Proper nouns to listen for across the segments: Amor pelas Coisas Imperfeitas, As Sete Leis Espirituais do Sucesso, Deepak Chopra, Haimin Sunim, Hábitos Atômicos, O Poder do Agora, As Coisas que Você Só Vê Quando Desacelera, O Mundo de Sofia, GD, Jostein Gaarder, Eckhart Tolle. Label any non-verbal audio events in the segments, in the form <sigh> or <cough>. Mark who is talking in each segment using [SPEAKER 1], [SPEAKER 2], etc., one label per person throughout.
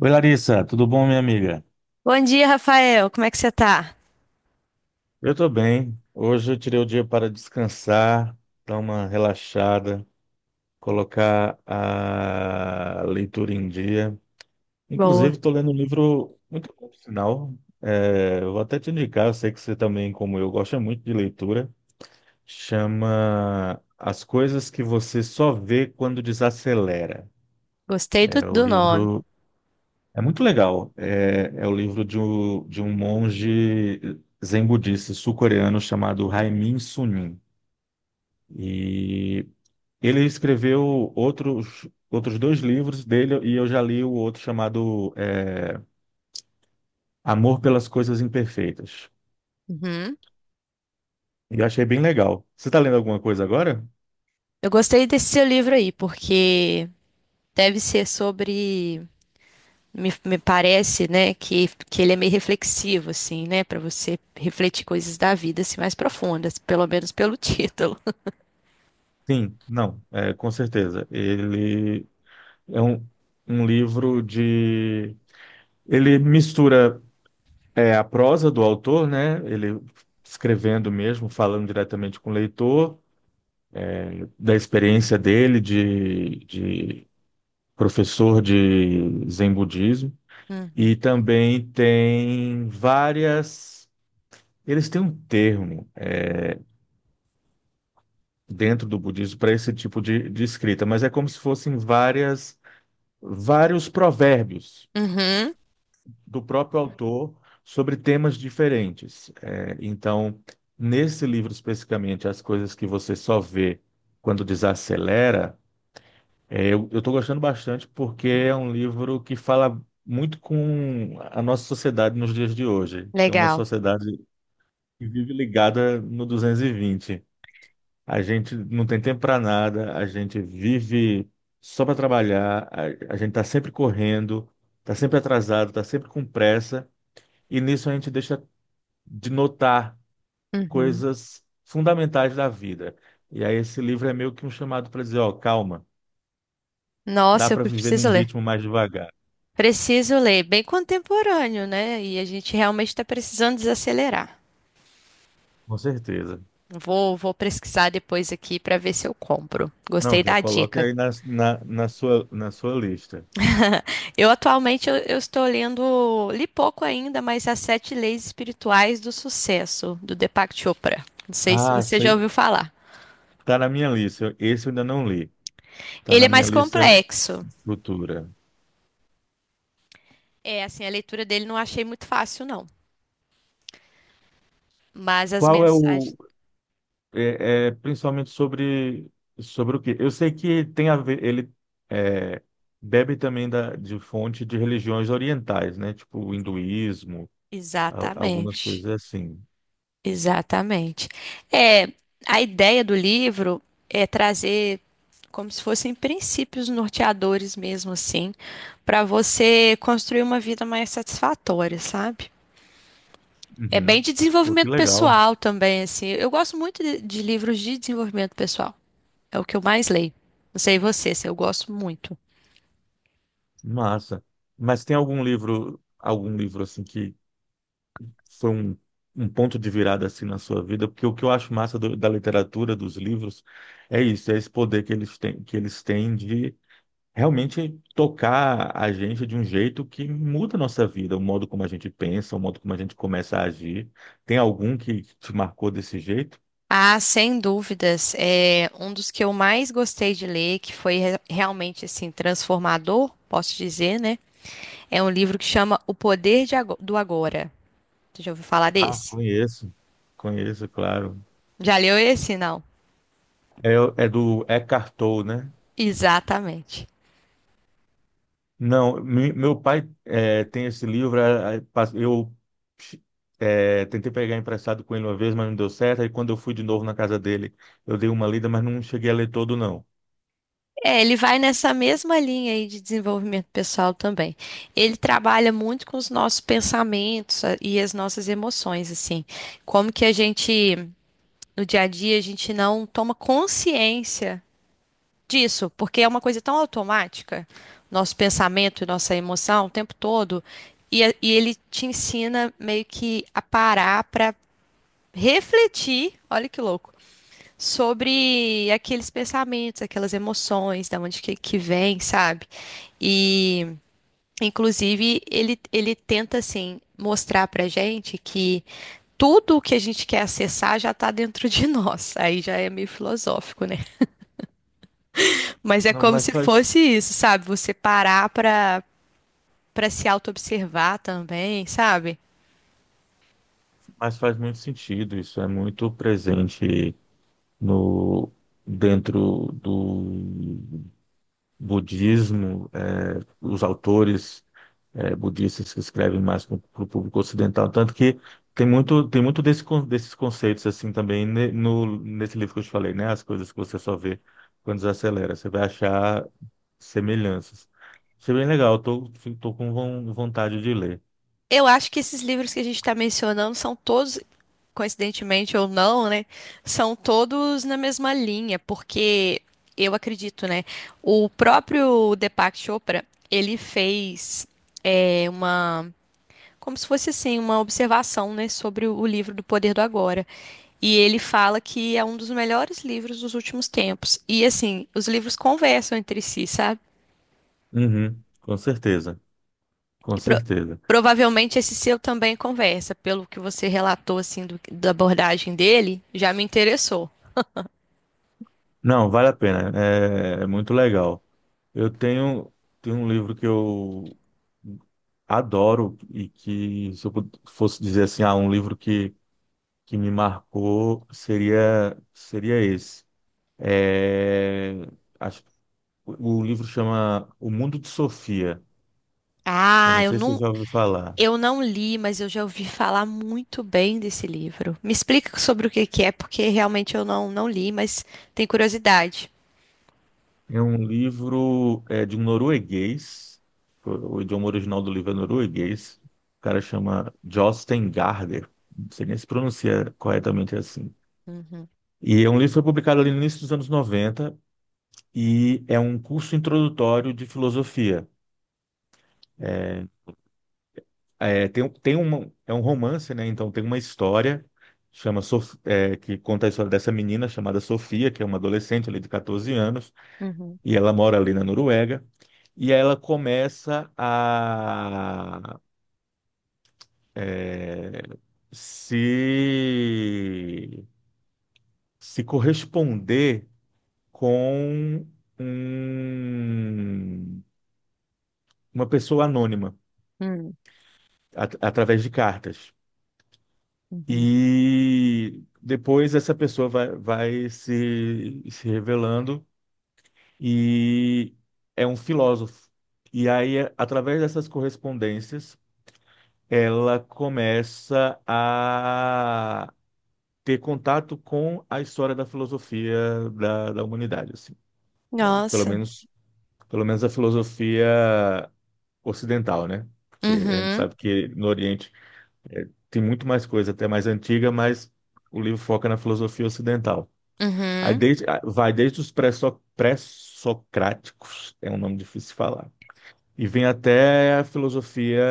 [SPEAKER 1] Oi, Larissa, tudo bom, minha amiga?
[SPEAKER 2] Bom dia, Rafael. Como é que você tá?
[SPEAKER 1] Eu tô bem. Hoje eu tirei o dia para descansar, dar uma relaxada, colocar a leitura em dia.
[SPEAKER 2] Boa.
[SPEAKER 1] Inclusive, estou lendo um livro muito bom, por sinal. Eu vou até te indicar, eu sei que você também, como eu, gosta muito de leitura. Chama As Coisas que Você Só Vê Quando Desacelera.
[SPEAKER 2] Gostei do,
[SPEAKER 1] É o
[SPEAKER 2] do nome.
[SPEAKER 1] livro. É muito legal. É o livro de um monge zen budista sul-coreano chamado Haimin Sunim. E ele escreveu outros dois livros dele, e eu já li o outro chamado Amor pelas Coisas Imperfeitas.
[SPEAKER 2] Uhum.
[SPEAKER 1] E eu achei bem legal. Você está lendo alguma coisa agora?
[SPEAKER 2] Eu gostei desse seu livro aí, porque deve ser sobre. Me parece, né, que ele é meio reflexivo, assim, né, para você refletir coisas da vida assim, mais profundas, pelo menos pelo <laughs> título.
[SPEAKER 1] Sim, não, com certeza. Ele é um, um livro de. Ele mistura. É a prosa do autor, né? Ele escrevendo mesmo, falando diretamente com o leitor, da experiência dele de professor de Zen budismo. E
[SPEAKER 2] Uhum.
[SPEAKER 1] também tem várias. Eles têm um termo dentro do budismo para esse tipo de escrita, mas é como se fossem várias, vários provérbios
[SPEAKER 2] Uhum.
[SPEAKER 1] do próprio autor sobre temas diferentes. É, então, nesse livro especificamente, as coisas que você só vê quando desacelera, eu estou gostando bastante porque é um livro que fala muito com a nossa sociedade nos dias de hoje, que é uma
[SPEAKER 2] Legal.
[SPEAKER 1] sociedade que vive ligada no 220. A gente não tem tempo para nada, a gente vive só para trabalhar, a gente está sempre correndo, está sempre atrasado, está sempre com pressa, e nisso a gente deixa de notar
[SPEAKER 2] Uhum.
[SPEAKER 1] coisas fundamentais da vida. E aí esse livro é meio que um chamado para dizer, ó, calma, dá
[SPEAKER 2] Nossa, eu
[SPEAKER 1] para viver
[SPEAKER 2] preciso
[SPEAKER 1] num
[SPEAKER 2] ler.
[SPEAKER 1] ritmo mais devagar.
[SPEAKER 2] Preciso ler. Bem contemporâneo, né? E a gente realmente está precisando desacelerar.
[SPEAKER 1] Com certeza.
[SPEAKER 2] Vou pesquisar depois aqui para ver se eu compro.
[SPEAKER 1] Não,
[SPEAKER 2] Gostei
[SPEAKER 1] já
[SPEAKER 2] da
[SPEAKER 1] coloque
[SPEAKER 2] dica.
[SPEAKER 1] aí na sua lista.
[SPEAKER 2] Eu atualmente eu estou lendo, li pouco ainda, mas As Sete Leis Espirituais do Sucesso, do Deepak Chopra. Não sei se
[SPEAKER 1] Ah,
[SPEAKER 2] você já
[SPEAKER 1] sei,
[SPEAKER 2] ouviu falar.
[SPEAKER 1] tá na minha lista. Esse eu ainda não li. Tá
[SPEAKER 2] Ele é
[SPEAKER 1] na minha
[SPEAKER 2] mais
[SPEAKER 1] lista
[SPEAKER 2] complexo.
[SPEAKER 1] futura.
[SPEAKER 2] É, assim, a leitura dele não achei muito fácil, não. Mas as
[SPEAKER 1] Qual é
[SPEAKER 2] mensagens.
[SPEAKER 1] o. Principalmente sobre o quê? Eu sei que tem a ver, ele é, bebe também de fonte de religiões orientais, né? Tipo o hinduísmo, algumas
[SPEAKER 2] Exatamente.
[SPEAKER 1] coisas assim.
[SPEAKER 2] Exatamente. É, a ideia do livro é trazer como se fossem princípios norteadores mesmo assim, para você construir uma vida mais satisfatória, sabe? É bem
[SPEAKER 1] Uhum.
[SPEAKER 2] de
[SPEAKER 1] Pô, que
[SPEAKER 2] desenvolvimento
[SPEAKER 1] legal,
[SPEAKER 2] pessoal também, assim. Eu gosto muito de livros de desenvolvimento pessoal. É o que eu mais leio. Não sei você, assim, eu gosto muito.
[SPEAKER 1] massa. Mas tem algum livro assim que foi um ponto de virada assim na sua vida? Porque o que eu acho massa da literatura, dos livros, é isso, é esse poder que eles têm, de realmente tocar a gente de um jeito que muda a nossa vida, o modo como a gente pensa, o modo como a gente começa a agir. Tem algum que te marcou desse jeito?
[SPEAKER 2] Ah, sem dúvidas, é um dos que eu mais gostei de ler, que foi realmente assim transformador, posso dizer, né? É um livro que chama O Poder do Agora. Você já ouviu falar
[SPEAKER 1] Ah,
[SPEAKER 2] desse?
[SPEAKER 1] conheço, conheço, claro.
[SPEAKER 2] Já leu esse? Não.
[SPEAKER 1] É, é do Eckhart Tolle, né?
[SPEAKER 2] Exatamente.
[SPEAKER 1] Não, meu pai tem esse livro, tentei pegar emprestado com ele uma vez, mas não deu certo, aí quando eu fui de novo na casa dele, eu dei uma lida, mas não cheguei a ler todo, não.
[SPEAKER 2] É, ele vai nessa mesma linha aí de desenvolvimento pessoal também. Ele trabalha muito com os nossos pensamentos e as nossas emoções, assim. Como que a gente, no dia a dia, a gente não toma consciência disso, porque é uma coisa tão automática, nosso pensamento e nossa emoção o tempo todo, e, e ele te ensina meio que a parar para refletir, olha que louco, sobre aqueles pensamentos, aquelas emoções, da onde que vem, sabe? E, inclusive, ele tenta, assim, mostrar pra gente que tudo o que a gente quer acessar já tá dentro de <laughs> nós. Aí já é meio filosófico, né? Mas é
[SPEAKER 1] Não,
[SPEAKER 2] como
[SPEAKER 1] mas
[SPEAKER 2] se fosse
[SPEAKER 1] faz.
[SPEAKER 2] isso, sabe? Você parar pra se auto-observar também, sabe?
[SPEAKER 1] Mas faz muito sentido, isso é muito presente no dentro do budismo, os autores budistas que escrevem mais para o público ocidental, tanto que tem muito desse, desses conceitos assim também ne- no nesse livro que eu te falei, né? As coisas que você só vê quando desacelera, você vai achar semelhanças. Isso é bem legal, tô com vontade de ler.
[SPEAKER 2] Eu acho que esses livros que a gente está mencionando são todos, coincidentemente ou não, né, são todos na mesma linha, porque eu acredito, né, o próprio Deepak Chopra, ele fez é, uma, como se fosse assim, uma observação, né, sobre o livro do Poder do Agora, e ele fala que é um dos melhores livros dos últimos tempos, e assim, os livros conversam entre si, sabe?
[SPEAKER 1] Uhum, com certeza, com
[SPEAKER 2] E pro-
[SPEAKER 1] certeza.
[SPEAKER 2] Provavelmente esse seu também conversa, pelo que você relatou assim da abordagem dele, já me interessou.
[SPEAKER 1] Não, vale a pena. É, é muito legal. Eu tenho, tenho um livro que eu adoro e que, se eu fosse dizer assim, ah, um livro que me marcou, seria esse. É, acho, o livro chama O Mundo de Sofia. Eu
[SPEAKER 2] Ah,
[SPEAKER 1] não
[SPEAKER 2] eu
[SPEAKER 1] sei se você
[SPEAKER 2] não.
[SPEAKER 1] já ouviu falar.
[SPEAKER 2] Eu não li, mas eu já ouvi falar muito bem desse livro. Me explica sobre o que que é, porque realmente eu não li, mas tenho curiosidade.
[SPEAKER 1] É um livro de um norueguês. O idioma original do livro é norueguês. O cara chama Jostein Gaarder. Não sei nem se pronuncia corretamente assim. E é um livro que foi publicado ali no início dos anos 90 e é um curso introdutório de filosofia. É, é, tem, um, tem uma, é um romance, né? Então tem uma história. Que conta a história dessa menina chamada Sofia, que é uma adolescente ali de 14 anos,
[SPEAKER 2] Uhum,
[SPEAKER 1] e ela mora ali na Noruega. E ela começa a é, se, se corresponder com um- uma pessoa anônima
[SPEAKER 2] uhum,
[SPEAKER 1] através de cartas.
[SPEAKER 2] uhum.
[SPEAKER 1] E depois essa pessoa vai se revelando e é um filósofo. E aí, através dessas correspondências, ela começa ter contato com a história da filosofia da humanidade, assim. Pelo
[SPEAKER 2] Nossa.
[SPEAKER 1] menos, pelo menos a filosofia ocidental, né? Porque a gente
[SPEAKER 2] Uhum,
[SPEAKER 1] sabe que no Oriente tem muito mais coisa, até mais antiga, mas o livro foca na filosofia ocidental. Aí
[SPEAKER 2] uhum.
[SPEAKER 1] desde, ah, vai desde os pré-socráticos, é um nome difícil de falar, e vem até a filosofia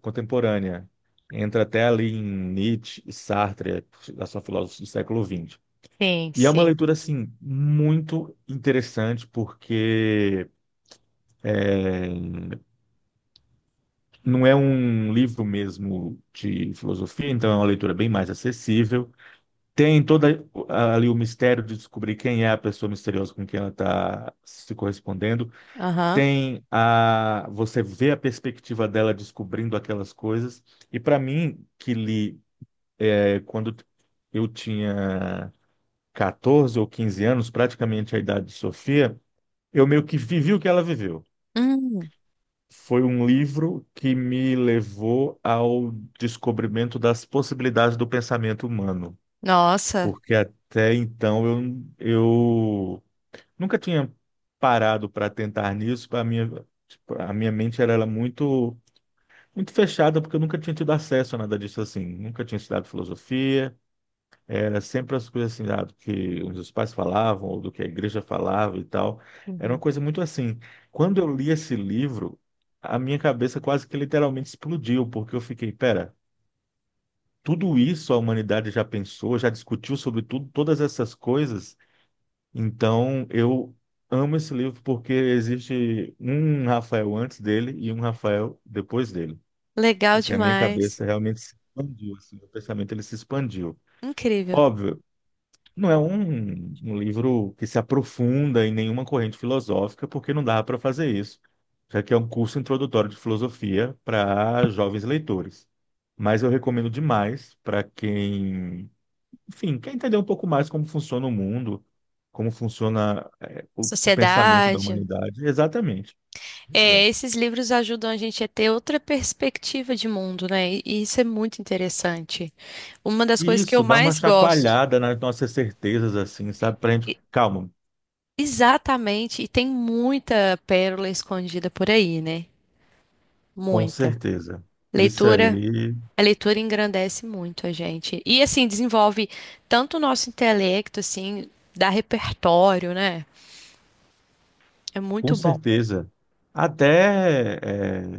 [SPEAKER 1] contemporânea. Entra até ali em Nietzsche e Sartre, a sua filósofos do século XX.
[SPEAKER 2] Sim,
[SPEAKER 1] E é uma
[SPEAKER 2] sim.
[SPEAKER 1] leitura, assim, muito interessante, porque não é um livro mesmo de filosofia, então é uma leitura bem mais acessível. Tem toda ali o mistério de descobrir quem é a pessoa misteriosa com quem ela está se correspondendo.
[SPEAKER 2] Aham.
[SPEAKER 1] Tem a você vê a perspectiva dela descobrindo aquelas coisas. E para mim, que li quando eu tinha 14 ou 15 anos, praticamente a idade de Sofia, eu meio que vivi o que ela viveu.
[SPEAKER 2] Hum,
[SPEAKER 1] Foi um livro que me levou ao descobrimento das possibilidades do pensamento humano,
[SPEAKER 2] nossa,
[SPEAKER 1] porque até então eu nunca tinha parado para tentar nisso. A minha mente muito fechada, porque eu nunca tinha tido acesso a nada disso assim. Nunca tinha estudado filosofia, era sempre as coisas assim, ah, do que os meus pais falavam, ou do que a igreja falava e tal. Era uma
[SPEAKER 2] uhum.
[SPEAKER 1] coisa muito assim. Quando eu li esse livro, a minha cabeça quase que literalmente explodiu, porque eu fiquei, pera, tudo isso a humanidade já pensou, já discutiu sobre tudo, todas essas coisas. Então, eu amo esse livro porque existe um Rafael antes dele e um Rafael depois dele.
[SPEAKER 2] Legal
[SPEAKER 1] Porque a minha
[SPEAKER 2] demais.
[SPEAKER 1] cabeça realmente se expandiu, assim, o pensamento ele se expandiu.
[SPEAKER 2] Incrível.
[SPEAKER 1] Óbvio, não é um livro que se aprofunda em nenhuma corrente filosófica, porque não dava para fazer isso, já que é um curso introdutório de filosofia para jovens leitores. Mas eu recomendo demais para quem, enfim, quer entender um pouco mais como funciona o mundo, como funciona, o pensamento da
[SPEAKER 2] Sociedade.
[SPEAKER 1] humanidade. Exatamente. Muito
[SPEAKER 2] É,
[SPEAKER 1] bom.
[SPEAKER 2] esses livros ajudam a gente a ter outra perspectiva de mundo, né? E isso é muito interessante. Uma das
[SPEAKER 1] E
[SPEAKER 2] coisas que eu
[SPEAKER 1] isso dá uma
[SPEAKER 2] mais gosto.
[SPEAKER 1] chacoalhada nas nossas certezas, assim, sabe? Para gente, calma,
[SPEAKER 2] Exatamente, e tem muita pérola escondida por aí, né?
[SPEAKER 1] com
[SPEAKER 2] Muita.
[SPEAKER 1] certeza. Isso
[SPEAKER 2] Leitura, uhum,
[SPEAKER 1] aí.
[SPEAKER 2] a leitura engrandece muito a gente. E assim, desenvolve tanto o nosso intelecto, assim, dá repertório, né? É
[SPEAKER 1] Com
[SPEAKER 2] muito bom.
[SPEAKER 1] certeza. Até eh,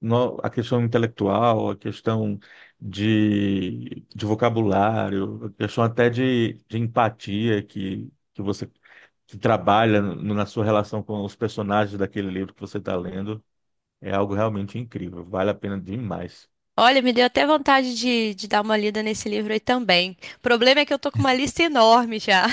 [SPEAKER 1] no- A questão intelectual, a questão de vocabulário, a questão até de empatia que trabalha na sua relação com os personagens daquele livro que você está lendo, é algo realmente incrível. Vale a pena demais.
[SPEAKER 2] Olha, me deu até vontade de dar uma lida nesse livro aí também. O problema é que eu tô com uma lista enorme já.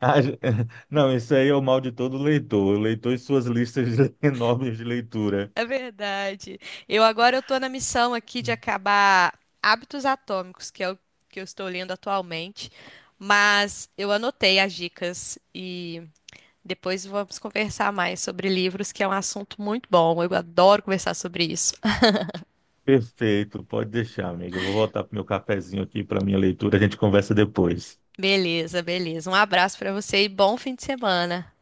[SPEAKER 1] Ah, <laughs> não, isso aí é o mal de todo leitor. O leitor e suas listas <laughs> enormes de leitura.
[SPEAKER 2] É verdade. Eu agora eu tô na missão aqui de acabar Hábitos Atômicos, que é o que eu estou lendo atualmente, mas eu anotei as dicas e depois vamos conversar mais sobre livros, que é um assunto muito bom. Eu adoro conversar sobre isso. <laughs>
[SPEAKER 1] Perfeito, pode deixar, amigo. Eu vou voltar pro meu cafezinho aqui, para minha leitura. A gente conversa depois.
[SPEAKER 2] Beleza, beleza. Um abraço para você e bom fim de semana.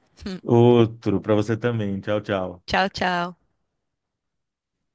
[SPEAKER 1] Outro para você também. Tchau, tchau.
[SPEAKER 2] Tchau, tchau.